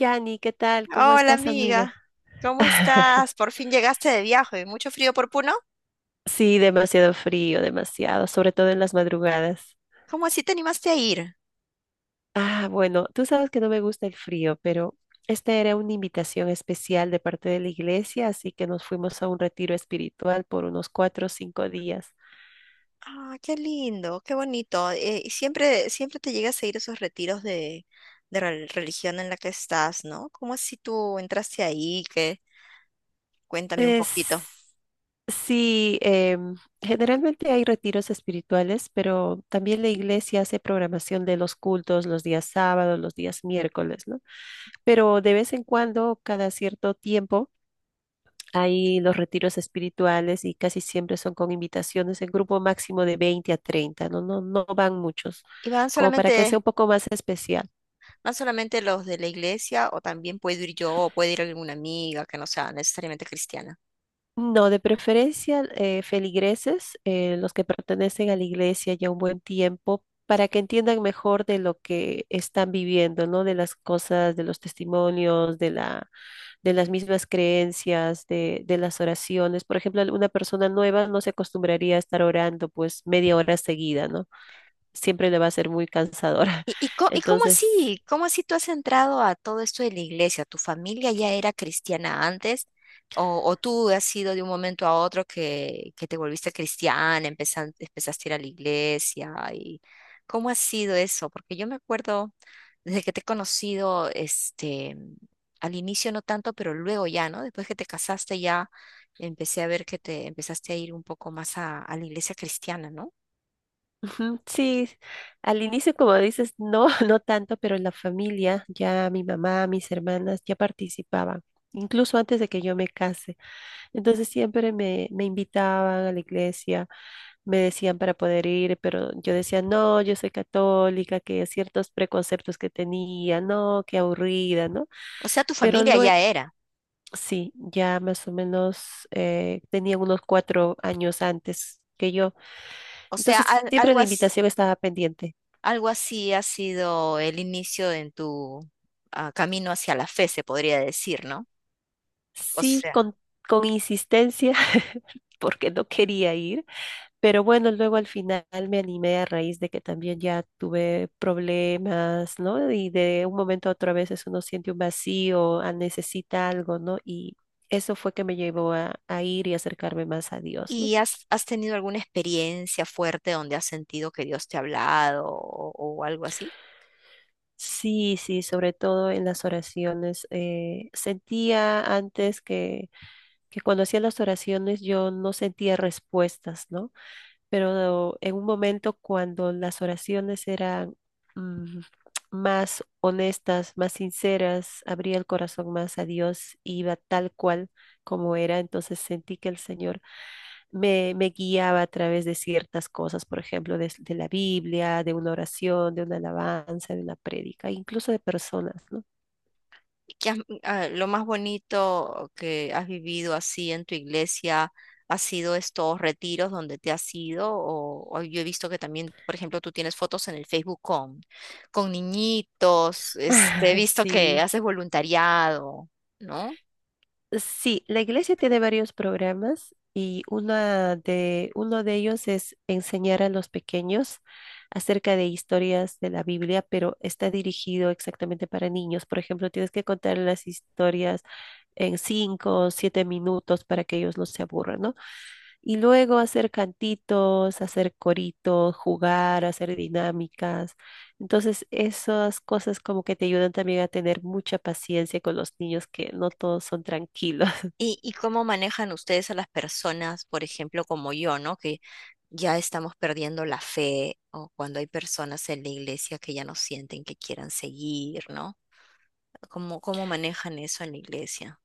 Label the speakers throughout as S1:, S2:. S1: Yani, ¿qué tal? ¿Cómo
S2: Hola
S1: estás, amiga?
S2: amiga, ¿cómo estás? Por fin llegaste de viaje, mucho frío por Puno.
S1: Sí, demasiado frío, demasiado, sobre todo en las madrugadas.
S2: ¿Cómo así te animaste a ir?
S1: Ah, bueno, tú sabes que no me gusta el frío, pero esta era una invitación especial de parte de la iglesia, así que nos fuimos a un retiro espiritual por unos 4 o 5 días.
S2: Ah, qué lindo, qué bonito. Y siempre te llegas a ir a esos retiros de religión en la que estás, ¿no? ¿Cómo así tú entraste ahí? ¿Qué? Cuéntame un poquito.
S1: Es- Sí, generalmente hay retiros espirituales, pero también la iglesia hace programación de los cultos los días sábados, los días miércoles, ¿no? Pero de vez en cuando, cada cierto tiempo, hay los retiros espirituales y casi siempre son con invitaciones en grupo máximo de 20 a 30, ¿no? No, no van muchos,
S2: ¿Y van
S1: como para que sea
S2: solamente,
S1: un poco más especial.
S2: Van solamente los de la iglesia o también puedo ir yo o puede ir alguna amiga que no sea necesariamente cristiana?
S1: No, de preferencia feligreses, los que pertenecen a la iglesia ya un buen tiempo, para que entiendan mejor de lo que están viviendo, ¿no? De las cosas, de los testimonios, de las mismas creencias, de las oraciones. Por ejemplo, una persona nueva no se acostumbraría a estar orando pues media hora seguida, ¿no? Siempre le va a ser muy cansadora.
S2: ¿Y, y, co- y cómo
S1: Entonces.
S2: así? ¿Cómo así tú has entrado a todo esto de la iglesia? ¿Tu familia ya era cristiana antes? ¿O tú has sido de un momento a otro que te volviste cristiana, empezaste a ir a la iglesia? ¿Y cómo ha sido eso? Porque yo me acuerdo desde que te he conocido, este, al inicio no tanto, pero luego ya, ¿no? Después que te casaste ya empecé a ver que te empezaste a ir un poco más a la iglesia cristiana, ¿no?
S1: Ujú. Sí, al inicio, como dices, no, no tanto, pero en la familia ya mi mamá, mis hermanas ya participaban, incluso antes de que yo me case. Entonces siempre me invitaban a la iglesia, me decían para poder ir, pero yo decía, no, yo soy católica, que ciertos preconceptos que tenía, no, qué aburrida, ¿no?
S2: O sea, tu
S1: Pero
S2: familia
S1: lue-
S2: ya era.
S1: Sí, ya más o menos tenía unos 4 años antes que yo.
S2: O sea,
S1: Entonces siempre
S2: algo
S1: la
S2: así.
S1: invitación estaba pendiente.
S2: Algo así ha sido el inicio en tu camino hacia la fe, se podría decir, ¿no? O
S1: Sí,
S2: sea,
S1: con insistencia, porque no quería ir, pero bueno, luego al final me animé a raíz de que también ya tuve problemas, ¿no? Y de un momento a otro a veces uno siente un vacío, ah, necesita algo, ¿no? Y eso fue que me llevó a ir y acercarme más a Dios, ¿no?
S2: ¿y has tenido alguna experiencia fuerte donde has sentido que Dios te ha hablado o algo así?
S1: Sí, sí, sobre todo en las oraciones. Sentía antes que cuando hacía las oraciones yo no sentía respuestas, ¿no? Pero en un momento cuando las oraciones eran mm, más honestas, más sinceras, abría el corazón más a Dios, iba tal cual como era, entonces sentí que el Señor me guiaba a través de ciertas cosas, por ejemplo, de la Biblia, de una oración, de una alabanza, de una prédica, incluso de personas, ¿no?
S2: ¿ Lo más bonito que has vivido así en tu iglesia ha sido estos retiros donde te has ido? O yo he visto que también, por ejemplo, tú tienes fotos en el Facebook con niñitos, este, he visto que
S1: Sí.
S2: haces voluntariado, ¿no?
S1: Sí, la iglesia tiene varios programas y uno de ellos es enseñar a los pequeños acerca de historias de la Biblia, pero está dirigido exactamente para niños. Por ejemplo, tienes que contar las historias en 5 o 7 minutos para que ellos no se aburran, ¿no? Y luego hacer cantitos, hacer coritos, jugar, hacer dinámicas. Entonces, esas cosas como que te ayudan también a tener mucha paciencia con los niños, que no todos son tranquilos.
S2: Y cómo manejan ustedes a las personas, por ejemplo, como yo, ¿no? Que ya estamos perdiendo la fe o cuando hay personas en la iglesia que ya no sienten que quieran seguir, ¿no? ¿Cómo, cómo manejan eso en la iglesia?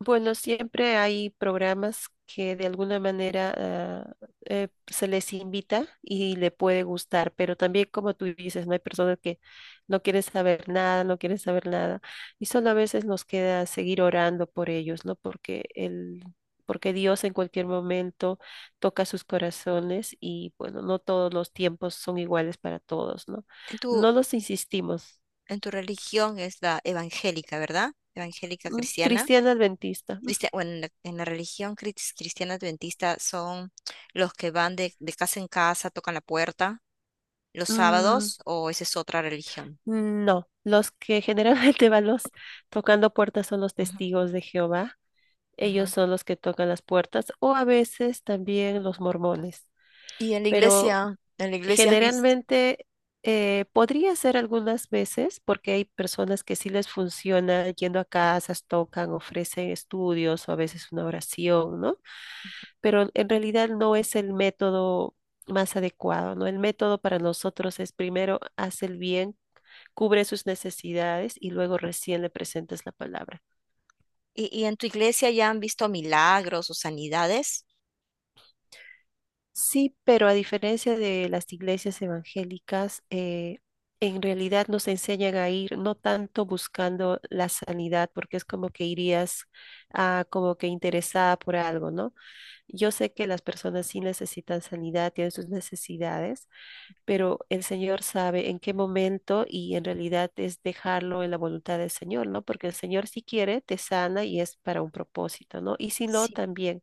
S1: Bueno, siempre hay programas que de alguna manera se les invita y le puede gustar, pero también como tú dices, no hay personas que no quieren saber nada, no quieren saber nada, y solo a veces nos queda seguir orando por ellos, ¿no? Porque Dios en cualquier momento toca sus corazones y bueno, no todos los tiempos son iguales para todos, ¿no?
S2: En tu,
S1: No los insistimos.
S2: en tu religión es la evangélica, ¿verdad? Evangélica cristiana.
S1: Cristiana adventista.
S2: Bueno, en la religión cristiana adventista son los que van de casa en casa, tocan la puerta los
S1: Mm,
S2: sábados, o esa es otra religión.
S1: No, los que generalmente van los tocando puertas son los
S2: Ujú,
S1: testigos de Jehová. Ellos
S2: ujú.
S1: son los que tocan las puertas o a veces también los mormones.
S2: Y
S1: Pero
S2: en la iglesia has visto.
S1: generalmente podría ser algunas veces porque hay personas que sí les funciona yendo a casas, tocan, ofrecen estudios o a veces una oración, ¿no? Pero en realidad no es el método más adecuado, ¿no? El método para nosotros es primero haz el bien cubre sus necesidades y luego recién le presentas la palabra.
S2: Y en tu iglesia ya han visto milagros o sanidades?
S1: Sí, pero a diferencia de las iglesias evangélicas, en realidad nos enseñan a ir no tanto buscando la sanidad, porque es como que irías como que interesada por algo, ¿no? Yo sé que las personas sí necesitan sanidad, tienen sus necesidades, pero el Señor sabe en qué momento y en realidad es dejarlo en la voluntad del Señor, ¿no? Porque el Señor si quiere te sana y es para un propósito, ¿no? Y si no, también.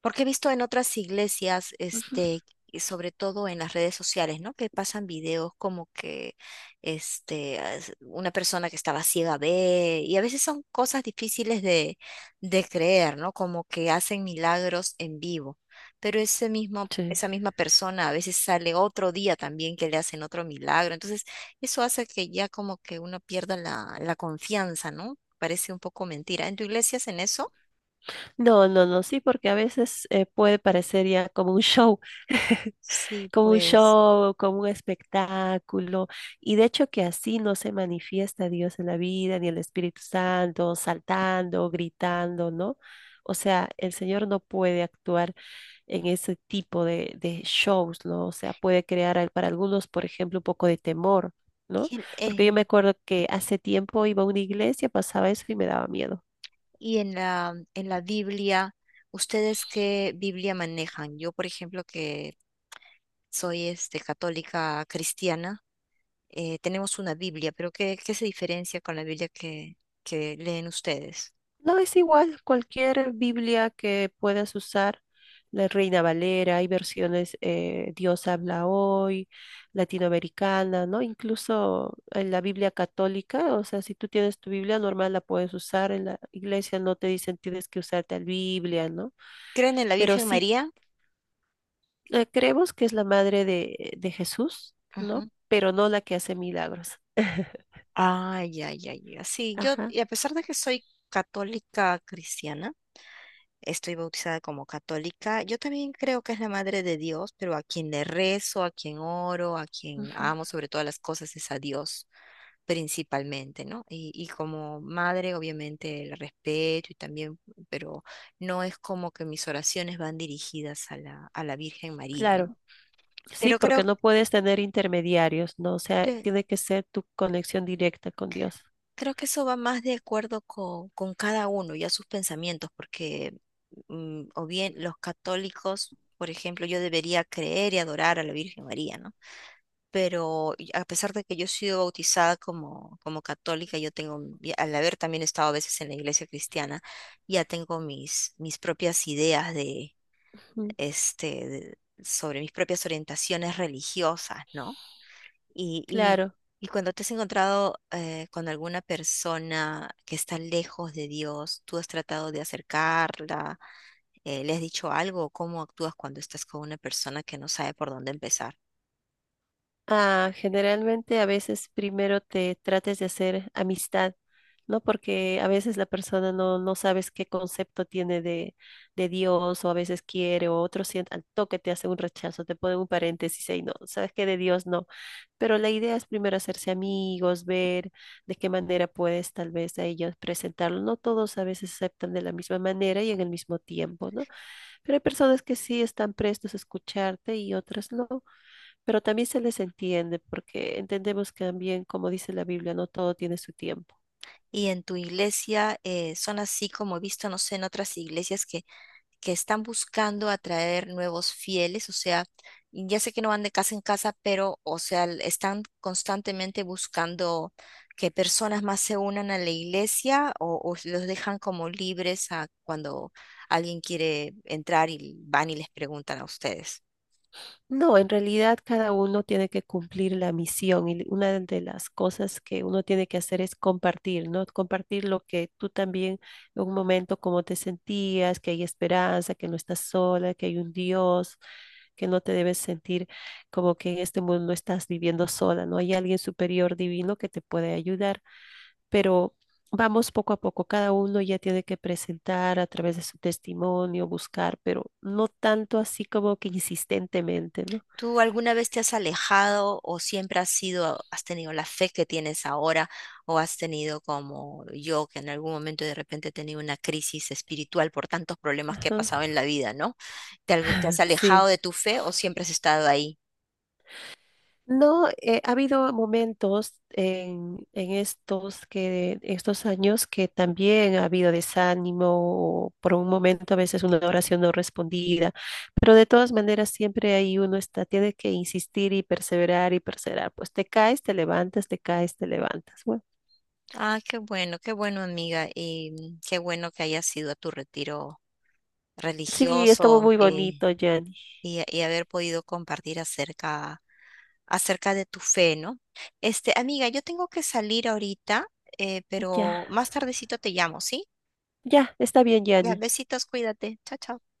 S2: Porque he visto en otras iglesias,
S1: Ujú.
S2: este, y sobre todo en las redes sociales, ¿no? Que pasan videos como que, este, una persona que estaba ciega ve, y a veces son cosas difíciles de creer, ¿no? Como que hacen milagros en vivo. Pero ese mismo,
S1: Sí.
S2: esa misma persona a veces sale otro día también que le hacen otro milagro. Entonces, eso hace que ya como que uno pierda la, la confianza, ¿no? Parece un poco mentira. ¿En tu iglesia hacen eso?
S1: No, no, no, sí, porque a veces puede parecer ya como un show,
S2: Sí,
S1: como un
S2: pues.
S1: show, como un espectáculo. Y de hecho que así no se manifiesta Dios en la vida, ni el Espíritu Santo, saltando, gritando, ¿no? O sea, el Señor no puede actuar en ese tipo de shows, ¿no? O sea, puede crear para algunos, por ejemplo, un poco de temor, ¿no?
S2: y el-
S1: Porque yo
S2: eh,
S1: me acuerdo que hace tiempo iba a una iglesia, pasaba eso y me daba miedo.
S2: Y en la Biblia, ¿ustedes qué Biblia manejan? Yo, por ejemplo, que soy este, católica cristiana, tenemos una Biblia, pero ¿qué, qué se diferencia con la Biblia que leen ustedes?
S1: No, es igual, cualquier Biblia que puedas usar, la Reina Valera, hay versiones Dios habla hoy, latinoamericana, ¿no? Incluso en la Biblia católica, o sea, si tú tienes tu Biblia normal, la puedes usar, en la iglesia no te dicen tienes que usar tal Biblia, ¿no?
S2: ¿Creen en la
S1: Pero
S2: Virgen
S1: sí
S2: María?
S1: creemos que es la madre de Jesús, ¿no?
S2: Ujú.
S1: Pero no la que hace milagros.
S2: Ay, ay, ay, ya. Sí, yo,
S1: Ajá.
S2: y a pesar de que soy católica cristiana, estoy bautizada como católica, yo también creo que es la madre de Dios, pero a quien le rezo, a quien oro, a quien
S1: Ujú.
S2: amo sobre todas las cosas es a Dios. Principalmente, ¿no? Y como madre, obviamente el respeto y también, pero no es como que mis oraciones van dirigidas a la Virgen María, ¿no?
S1: Claro. Sí,
S2: Pero
S1: porque
S2: creo
S1: no puedes tener intermediarios, ¿no? O sea,
S2: que,
S1: tiene que ser tu conexión directa con Dios.
S2: creo que eso va más de acuerdo con, cada uno y a sus pensamientos, porque mm, o bien los católicos, por ejemplo, yo debería creer y adorar a la Virgen María, ¿no? Pero y a pesar de que yo he sido bautizada como, como católica, yo tengo, y al haber también estado a veces en la iglesia cristiana, ya tengo mis, mis propias ideas de,
S1: Ujú.
S2: este, sobre mis propias orientaciones religiosas, ¿no? Y, y,
S1: Claro.
S2: y cuando te has encontrado con alguna persona que está lejos de Dios, ¿tú has tratado de acercarla? ¿Le has dicho algo? ¿Cómo actúas cuando estás con una persona que no sabe por dónde empezar?
S1: Ah, generalmente a veces primero te trates de hacer amistad, ¿no? Porque a veces la persona no, no sabes qué concepto tiene de Dios o a veces quiere o otro siente, al toque te hace un rechazo, te pone un paréntesis y no, sabes que de Dios no. Pero la idea es primero hacerse amigos, ver de qué manera puedes tal vez a ellos presentarlo. No todos a veces aceptan de la misma manera y en el mismo tiempo, ¿no? Pero hay personas que sí están prestos a escucharte y otras no, pero también se les entiende porque entendemos que también, como dice la Biblia, no todo tiene su tiempo.
S2: Y en tu iglesia son así como he visto, no sé, en otras iglesias que están buscando atraer nuevos fieles, o sea, ya sé que no van de casa en casa, pero, o sea, están constantemente buscando que personas más se unan a la iglesia o los dejan como libres a cuando alguien quiere entrar y van y les preguntan a ustedes.
S1: No, en realidad cada uno tiene que cumplir la misión y una de las cosas que uno tiene que hacer es compartir, ¿no? Compartir lo que tú también en un momento cómo te sentías, que hay esperanza, que no estás sola, que hay un Dios, que no te debes sentir como que en este mundo no estás viviendo sola, ¿no? Hay alguien superior divino que te puede ayudar, pero vamos poco a poco, cada uno ya tiene que presentar a través de su testimonio, buscar, pero no tanto así como que insistentemente, ¿no?
S2: ¿Tú alguna vez te has alejado o siempre has sido, has tenido la fe que tienes ahora o has tenido como yo que en algún momento de repente he tenido una crisis espiritual por tantos problemas que he
S1: Ajá.
S2: pasado en la vida, ¿no? ¿ Te has alejado
S1: Sí.
S2: de tu fe o siempre has estado ahí?
S1: No, ha habido momentos en estos estos años que también ha habido desánimo, o por un momento a veces una oración no respondida, pero de todas maneras siempre ahí uno está, tiene que insistir y perseverar y perseverar. Pues te caes, te levantas, te caes, te levantas. Bueno,
S2: Ah, qué bueno amiga y mm, qué bueno que hayas ido a tu retiro
S1: sí, estuvo
S2: religioso.
S1: muy bonito, Gianni.
S2: Y, y haber podido compartir acerca, acerca de tu fe, ¿no? Este, amiga, yo tengo que salir ahorita, pero
S1: Ya,
S2: más tardecito te llamo, ¿sí?
S1: ya, está bien,
S2: Ya,
S1: Gianni.
S2: besitos, cuídate. Chao, chao.